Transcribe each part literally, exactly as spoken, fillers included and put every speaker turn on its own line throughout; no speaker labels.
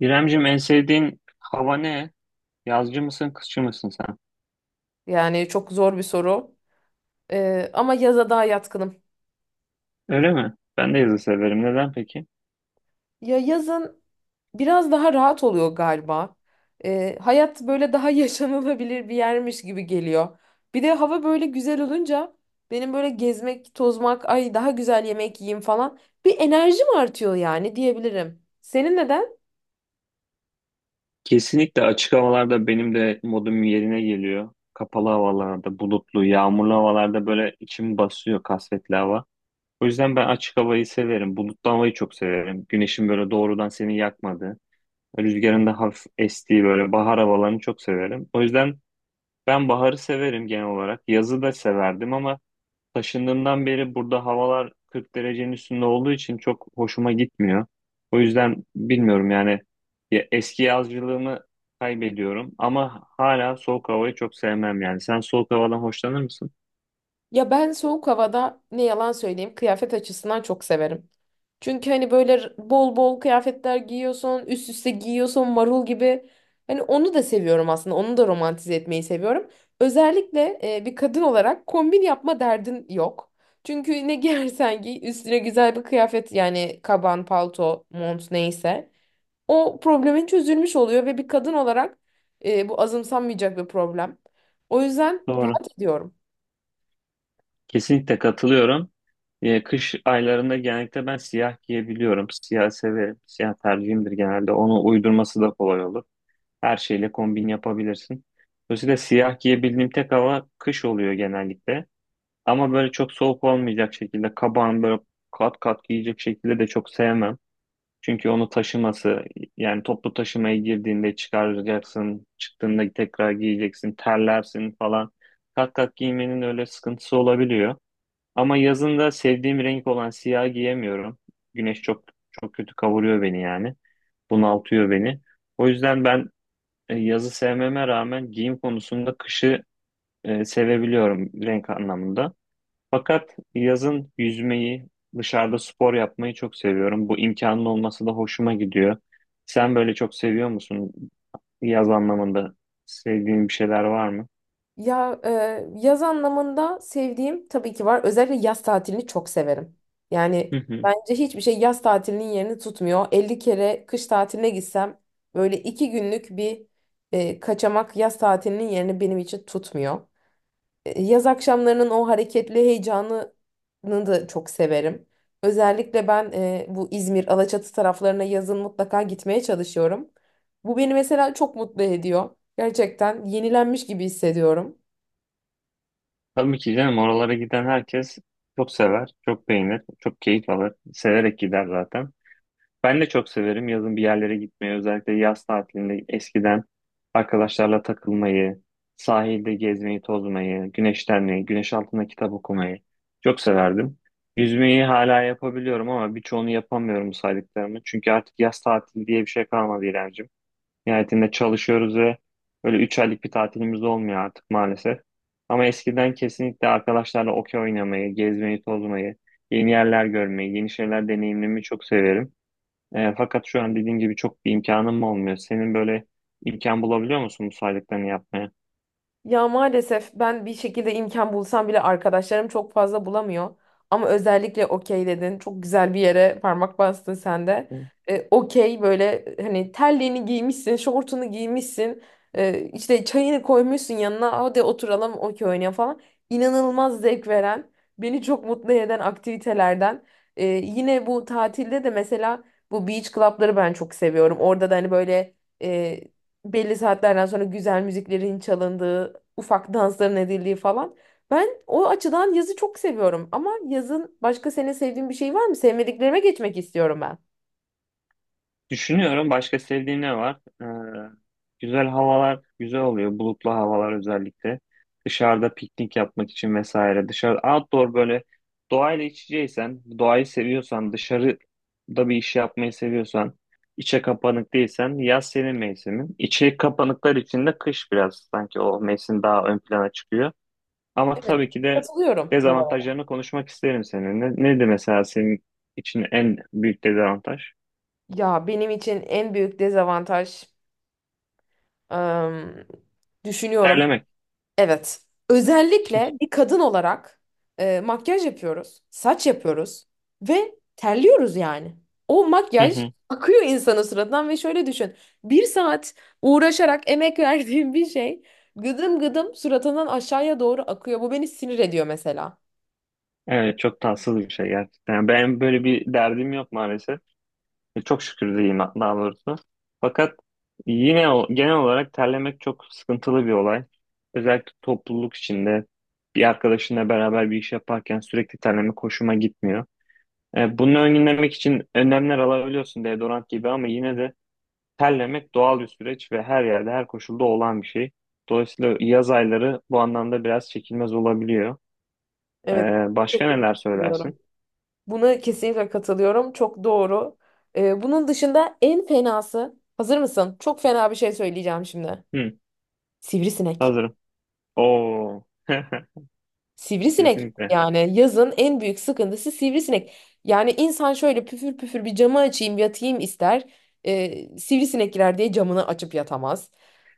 İremcim, en sevdiğin hava ne? Yazcı mısın, kışçı mısın sen?
Yani çok zor bir soru. Ee, ama yaza daha yatkınım.
Öyle mi? Ben de yazı severim. Neden peki?
Ya yazın biraz daha rahat oluyor galiba. Ee, hayat böyle daha yaşanılabilir bir yermiş gibi geliyor. Bir de hava böyle güzel olunca benim böyle gezmek, tozmak, ay daha güzel yemek yiyeyim falan bir enerjim artıyor yani diyebilirim. Senin neden?
Kesinlikle açık havalarda benim de modum yerine geliyor. Kapalı havalarda, bulutlu, yağmurlu havalarda böyle içim basıyor, kasvetli hava. O yüzden ben açık havayı severim. Bulutlu havayı çok severim. Güneşin böyle doğrudan seni yakmadığı, rüzgarın da hafif estiği böyle bahar havalarını çok severim. O yüzden ben baharı severim genel olarak. Yazı da severdim ama taşındığımdan beri burada havalar kırk derecenin üstünde olduğu için çok hoşuma gitmiyor. O yüzden bilmiyorum yani, ya eski yazcılığımı kaybediyorum ama hala soğuk havayı çok sevmem yani. Sen soğuk havadan hoşlanır mısın?
Ya ben soğuk havada ne yalan söyleyeyim kıyafet açısından çok severim. Çünkü hani böyle r- bol bol kıyafetler giyiyorsun, üst üste giyiyorsun marul gibi. Hani onu da seviyorum aslında. Onu da romantize etmeyi seviyorum. Özellikle e, bir kadın olarak kombin yapma derdin yok. Çünkü ne giyersen giy üstüne güzel bir kıyafet yani kaban, palto, mont neyse. O problemin çözülmüş oluyor ve bir kadın olarak e, bu azımsanmayacak bir problem. O yüzden
Doğru.
rahat ediyorum.
Kesinlikle katılıyorum. Ya, kış aylarında genellikle ben siyah giyebiliyorum. Siyah severim. Siyah tercihimdir genelde. Onu uydurması da kolay olur. Her şeyle kombin yapabilirsin. Dolayısıyla siyah giyebildiğim tek hava kış oluyor genellikle. Ama böyle çok soğuk olmayacak şekilde kabağını böyle kat kat giyecek şekilde de çok sevmem. Çünkü onu taşıması, yani toplu taşımaya girdiğinde çıkaracaksın, çıktığında tekrar giyeceksin, terlersin falan. Kat kat giymenin öyle sıkıntısı olabiliyor. Ama yazın da sevdiğim renk olan siyah giyemiyorum. Güneş çok çok kötü kavuruyor beni yani. Bunaltıyor beni. O yüzden ben e, yazı sevmeme rağmen giyim konusunda kışı e, sevebiliyorum renk anlamında. Fakat yazın yüzmeyi, dışarıda spor yapmayı çok seviyorum. Bu imkanın olması da hoşuma gidiyor. Sen böyle çok seviyor musun? Yaz anlamında sevdiğin bir şeyler var mı?
Ya e, yaz anlamında sevdiğim tabii ki var. Özellikle yaz tatilini çok severim. Yani
Hı hı.
bence hiçbir şey yaz tatilinin yerini tutmuyor. elli kere kış tatiline gitsem böyle iki günlük bir e, kaçamak yaz tatilinin yerini benim için tutmuyor. E, yaz akşamlarının o hareketli heyecanını da çok severim. Özellikle ben e, bu İzmir, Alaçatı taraflarına yazın mutlaka gitmeye çalışıyorum. Bu beni mesela çok mutlu ediyor. Gerçekten yenilenmiş gibi hissediyorum.
Tabii ki canım, oralara giden herkes çok sever, çok beğenir, çok keyif alır. Severek gider zaten. Ben de çok severim yazın bir yerlere gitmeyi. Özellikle yaz tatilinde eskiden arkadaşlarla takılmayı, sahilde gezmeyi, tozmayı, güneşlenmeyi, güneş altında kitap okumayı çok severdim. Yüzmeyi hala yapabiliyorum ama birçoğunu yapamıyorum saydıklarımı. Çünkü artık yaz tatili diye bir şey kalmadı İremciğim. Nihayetinde çalışıyoruz ve böyle üç aylık bir tatilimiz olmuyor artık maalesef. Ama eskiden kesinlikle arkadaşlarla okey oynamayı, gezmeyi, tozmayı, yeni yerler görmeyi, yeni şeyler deneyimlemeyi çok severim. E, fakat şu an dediğin gibi çok bir imkanım olmuyor. Senin böyle imkan bulabiliyor musun bu saydıklarını yapmaya?
Ya maalesef ben bir şekilde imkan bulsam bile arkadaşlarım çok fazla bulamıyor. Ama özellikle okey dedin. Çok güzel bir yere parmak bastın sen de. E, okey böyle hani terliğini giymişsin, şortunu giymişsin. E, işte çayını koymuşsun yanına. Hadi oturalım okey oynayalım falan. İnanılmaz zevk veren, beni çok mutlu eden aktivitelerden. E, yine bu tatilde de mesela bu beach club'ları ben çok seviyorum. Orada da hani böyle... e, belli saatlerden sonra güzel müziklerin çalındığı ufak dansların edildiği falan. Ben o açıdan yazı çok seviyorum ama yazın başka senin sevdiğin bir şey var mı? Sevmediklerime geçmek istiyorum ben.
Düşünüyorum, başka sevdiğin ne var? E, Güzel havalar güzel oluyor. Bulutlu havalar özellikle. Dışarıda piknik yapmak için vesaire. Dışarı outdoor, böyle doğayla iç içeysen, doğayı seviyorsan, dışarıda bir iş yapmayı seviyorsan, içe kapanık değilsen yaz senin mevsimin. İçe kapanıklar için de kış biraz sanki o mevsim daha ön plana çıkıyor. Ama
Evet,
tabii ki de
katılıyorum bu arada.
dezavantajlarını konuşmak isterim seninle. Neydi mesela senin için en büyük dezavantaj?
Ya benim için en büyük dezavantaj ım, düşünüyorum.
Terlemek.
Evet. Özellikle bir kadın olarak e, makyaj yapıyoruz, saç yapıyoruz ve terliyoruz yani. O
Hı
makyaj
hı.
akıyor insanın suratından ve şöyle düşün. Bir saat uğraşarak emek verdiğim bir şey gıdım gıdım suratından aşağıya doğru akıyor. Bu beni sinir ediyor mesela.
Evet, çok tatsız bir şey gerçekten. Yani ben böyle bir derdim yok maalesef. E, Çok şükür diyeyim daha doğrusu. Fakat yine o- genel olarak terlemek çok sıkıntılı bir olay. Özellikle topluluk içinde bir arkadaşınla beraber bir iş yaparken sürekli terlemek hoşuma gitmiyor. E, bunu önlemek için önlemler alabiliyorsun, deodorant gibi, ama yine de terlemek doğal bir süreç ve her yerde, her koşulda olan bir şey. Dolayısıyla yaz ayları bu anlamda biraz çekilmez olabiliyor.
Evet,
Ee, Başka
kesinlikle
neler
katılıyorum.
söylersin?
Buna kesinlikle katılıyorum. Çok doğru. Ee, bunun dışında en fenası, hazır mısın? Çok fena bir şey söyleyeceğim şimdi.
Hı,
Sivrisinek.
hazırım. Oo,
Sivrisinek
kesinlikle.
yani yazın en büyük sıkıntısı sivrisinek. Yani insan şöyle püfür püfür bir camı açayım yatayım ister. Ee, sivrisinek girer diye camını açıp yatamaz.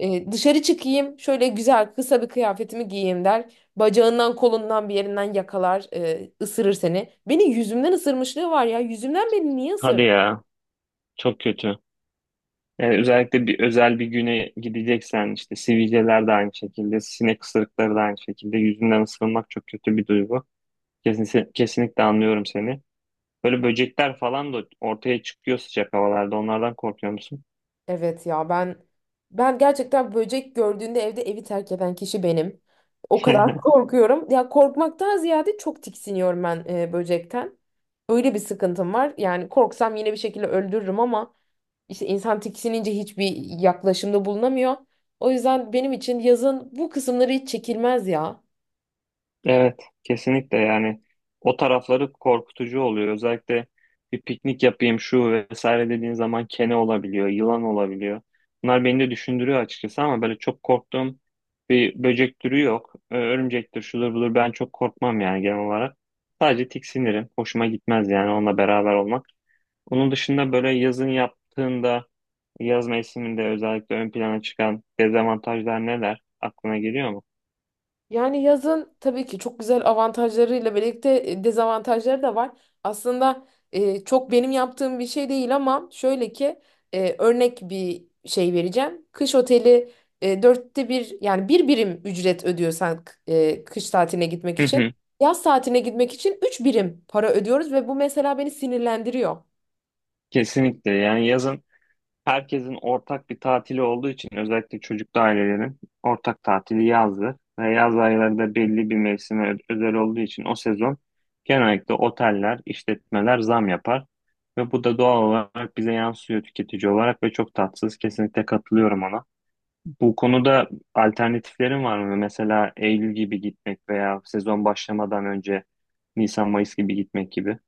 Ee, dışarı çıkayım şöyle güzel kısa bir kıyafetimi giyeyim der. Bacağından kolundan bir yerinden yakalar e, ısırır seni. Beni yüzümden ısırmışlığı var ya yüzümden beni niye
Hadi
ısırdı?
ya, çok kötü. Yani özellikle bir özel bir güne gideceksen işte, sivilceler de aynı şekilde, sinek ısırıkları da aynı şekilde, yüzünden ısırılmak çok kötü bir duygu. Kesin, kesinlikle anlıyorum seni. Böyle böcekler falan da ortaya çıkıyor sıcak havalarda. Onlardan korkuyor musun?
Evet ya ben ben gerçekten böcek gördüğünde evde evi terk eden kişi benim. O kadar korkuyorum. Ya korkmaktan ziyade çok tiksiniyorum ben e, böcekten. Öyle bir sıkıntım var. Yani korksam yine bir şekilde öldürürüm ama işte insan tiksinince hiçbir yaklaşımda bulunamıyor. O yüzden benim için yazın bu kısımları hiç çekilmez ya.
Evet, kesinlikle yani o tarafları korkutucu oluyor. Özellikle bir piknik yapayım şu vesaire dediğin zaman, kene olabiliyor, yılan olabiliyor. Bunlar beni de düşündürüyor açıkçası ama böyle çok korktuğum bir böcek türü yok. Ö- Örümcektir, şudur budur, ben çok korkmam yani genel olarak. Sadece tiksinirim. Hoşuma gitmez yani onunla beraber olmak. Onun dışında böyle yazın yaptığında, yaz mevsiminde özellikle ön plana çıkan dezavantajlar neler? Aklına geliyor mu?
Yani yazın tabii ki çok güzel avantajlarıyla birlikte e, dezavantajları da var. Aslında e, çok benim yaptığım bir şey değil ama şöyle ki e, örnek bir şey vereceğim. Kış oteli e, dörtte bir yani bir birim ücret ödüyorsan e, kış tatiline gitmek
Hı
için.
hı.
Yaz tatiline gitmek için üç birim para ödüyoruz ve bu mesela beni sinirlendiriyor.
Kesinlikle yani yazın, herkesin ortak bir tatili olduğu için, özellikle çocuklu ailelerin ortak tatili yazdır. Ve yaz aylarında belli bir mevsime ö- özel olduğu için o sezon genellikle oteller, işletmeler zam yapar. Ve bu da doğal olarak bize yansıyor tüketici olarak ve çok tatsız. Kesinlikle katılıyorum ona. Bu konuda alternatiflerin var mı? Mesela Eylül gibi gitmek veya sezon başlamadan önce Nisan, Mayıs gibi gitmek gibi.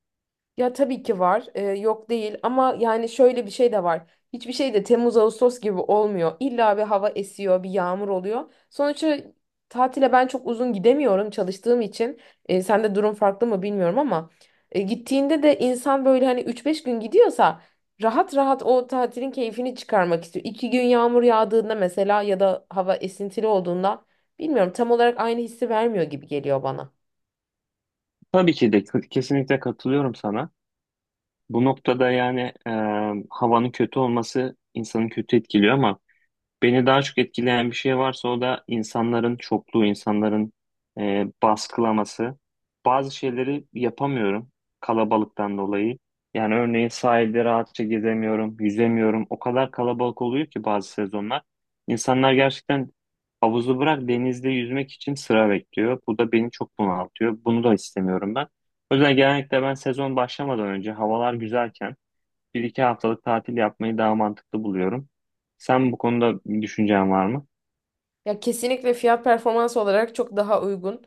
Ya tabii ki var. Ee, yok değil ama yani şöyle bir şey de var. Hiçbir şey de Temmuz Ağustos gibi olmuyor. İlla bir hava esiyor, bir yağmur oluyor. Sonuçta tatile ben çok uzun gidemiyorum çalıştığım için. Ee, sende durum farklı mı bilmiyorum ama e, gittiğinde de insan böyle hani üç beş gün gidiyorsa rahat rahat o tatilin keyfini çıkarmak istiyor. İki gün yağmur yağdığında mesela ya da hava esintili olduğunda bilmiyorum, tam olarak aynı hissi vermiyor gibi geliyor bana.
Tabii ki de kesinlikle katılıyorum sana. Bu noktada yani e, havanın kötü olması insanı kötü etkiliyor ama beni daha çok etkileyen bir şey varsa o da insanların çokluğu, insanların e, baskılaması. Bazı şeyleri yapamıyorum kalabalıktan dolayı. Yani örneğin sahilde rahatça gezemiyorum, yüzemiyorum. O kadar kalabalık oluyor ki bazı sezonlar. İnsanlar gerçekten havuzu bırak, denizde yüzmek için sıra bekliyor. Bu da beni çok bunaltıyor. Bunu da istemiyorum ben. O yüzden genellikle ben sezon başlamadan önce, havalar güzelken, bir iki haftalık tatil yapmayı daha mantıklı buluyorum. Sen bu konuda bir düşüncen var mı?
Ya kesinlikle fiyat performans olarak çok daha uygun.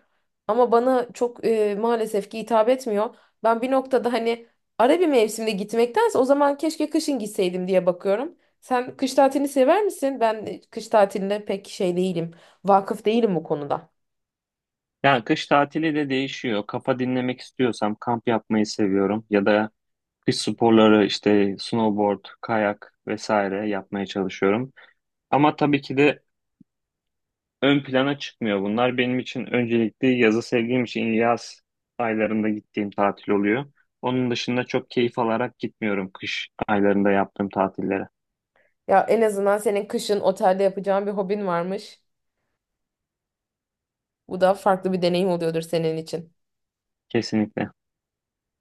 Ama bana çok e, maalesef ki hitap etmiyor. Ben bir noktada hani ara bir mevsimde gitmektense o zaman keşke kışın gitseydim diye bakıyorum. Sen kış tatilini sever misin? Ben e, kış tatiline pek şey değilim. Vakıf değilim bu konuda.
Yani kış tatili de değişiyor. Kafa dinlemek istiyorsam kamp yapmayı seviyorum ya da kış sporları, işte snowboard, kayak vesaire yapmaya çalışıyorum. Ama tabii ki de ön plana çıkmıyor bunlar. Benim için öncelikli yazı sevdiğim için yaz aylarında gittiğim tatil oluyor. Onun dışında çok keyif alarak gitmiyorum kış aylarında yaptığım tatillere.
Ya en azından senin kışın otelde yapacağın bir hobin varmış. Bu da farklı bir deneyim oluyordur senin için.
Kesinlikle.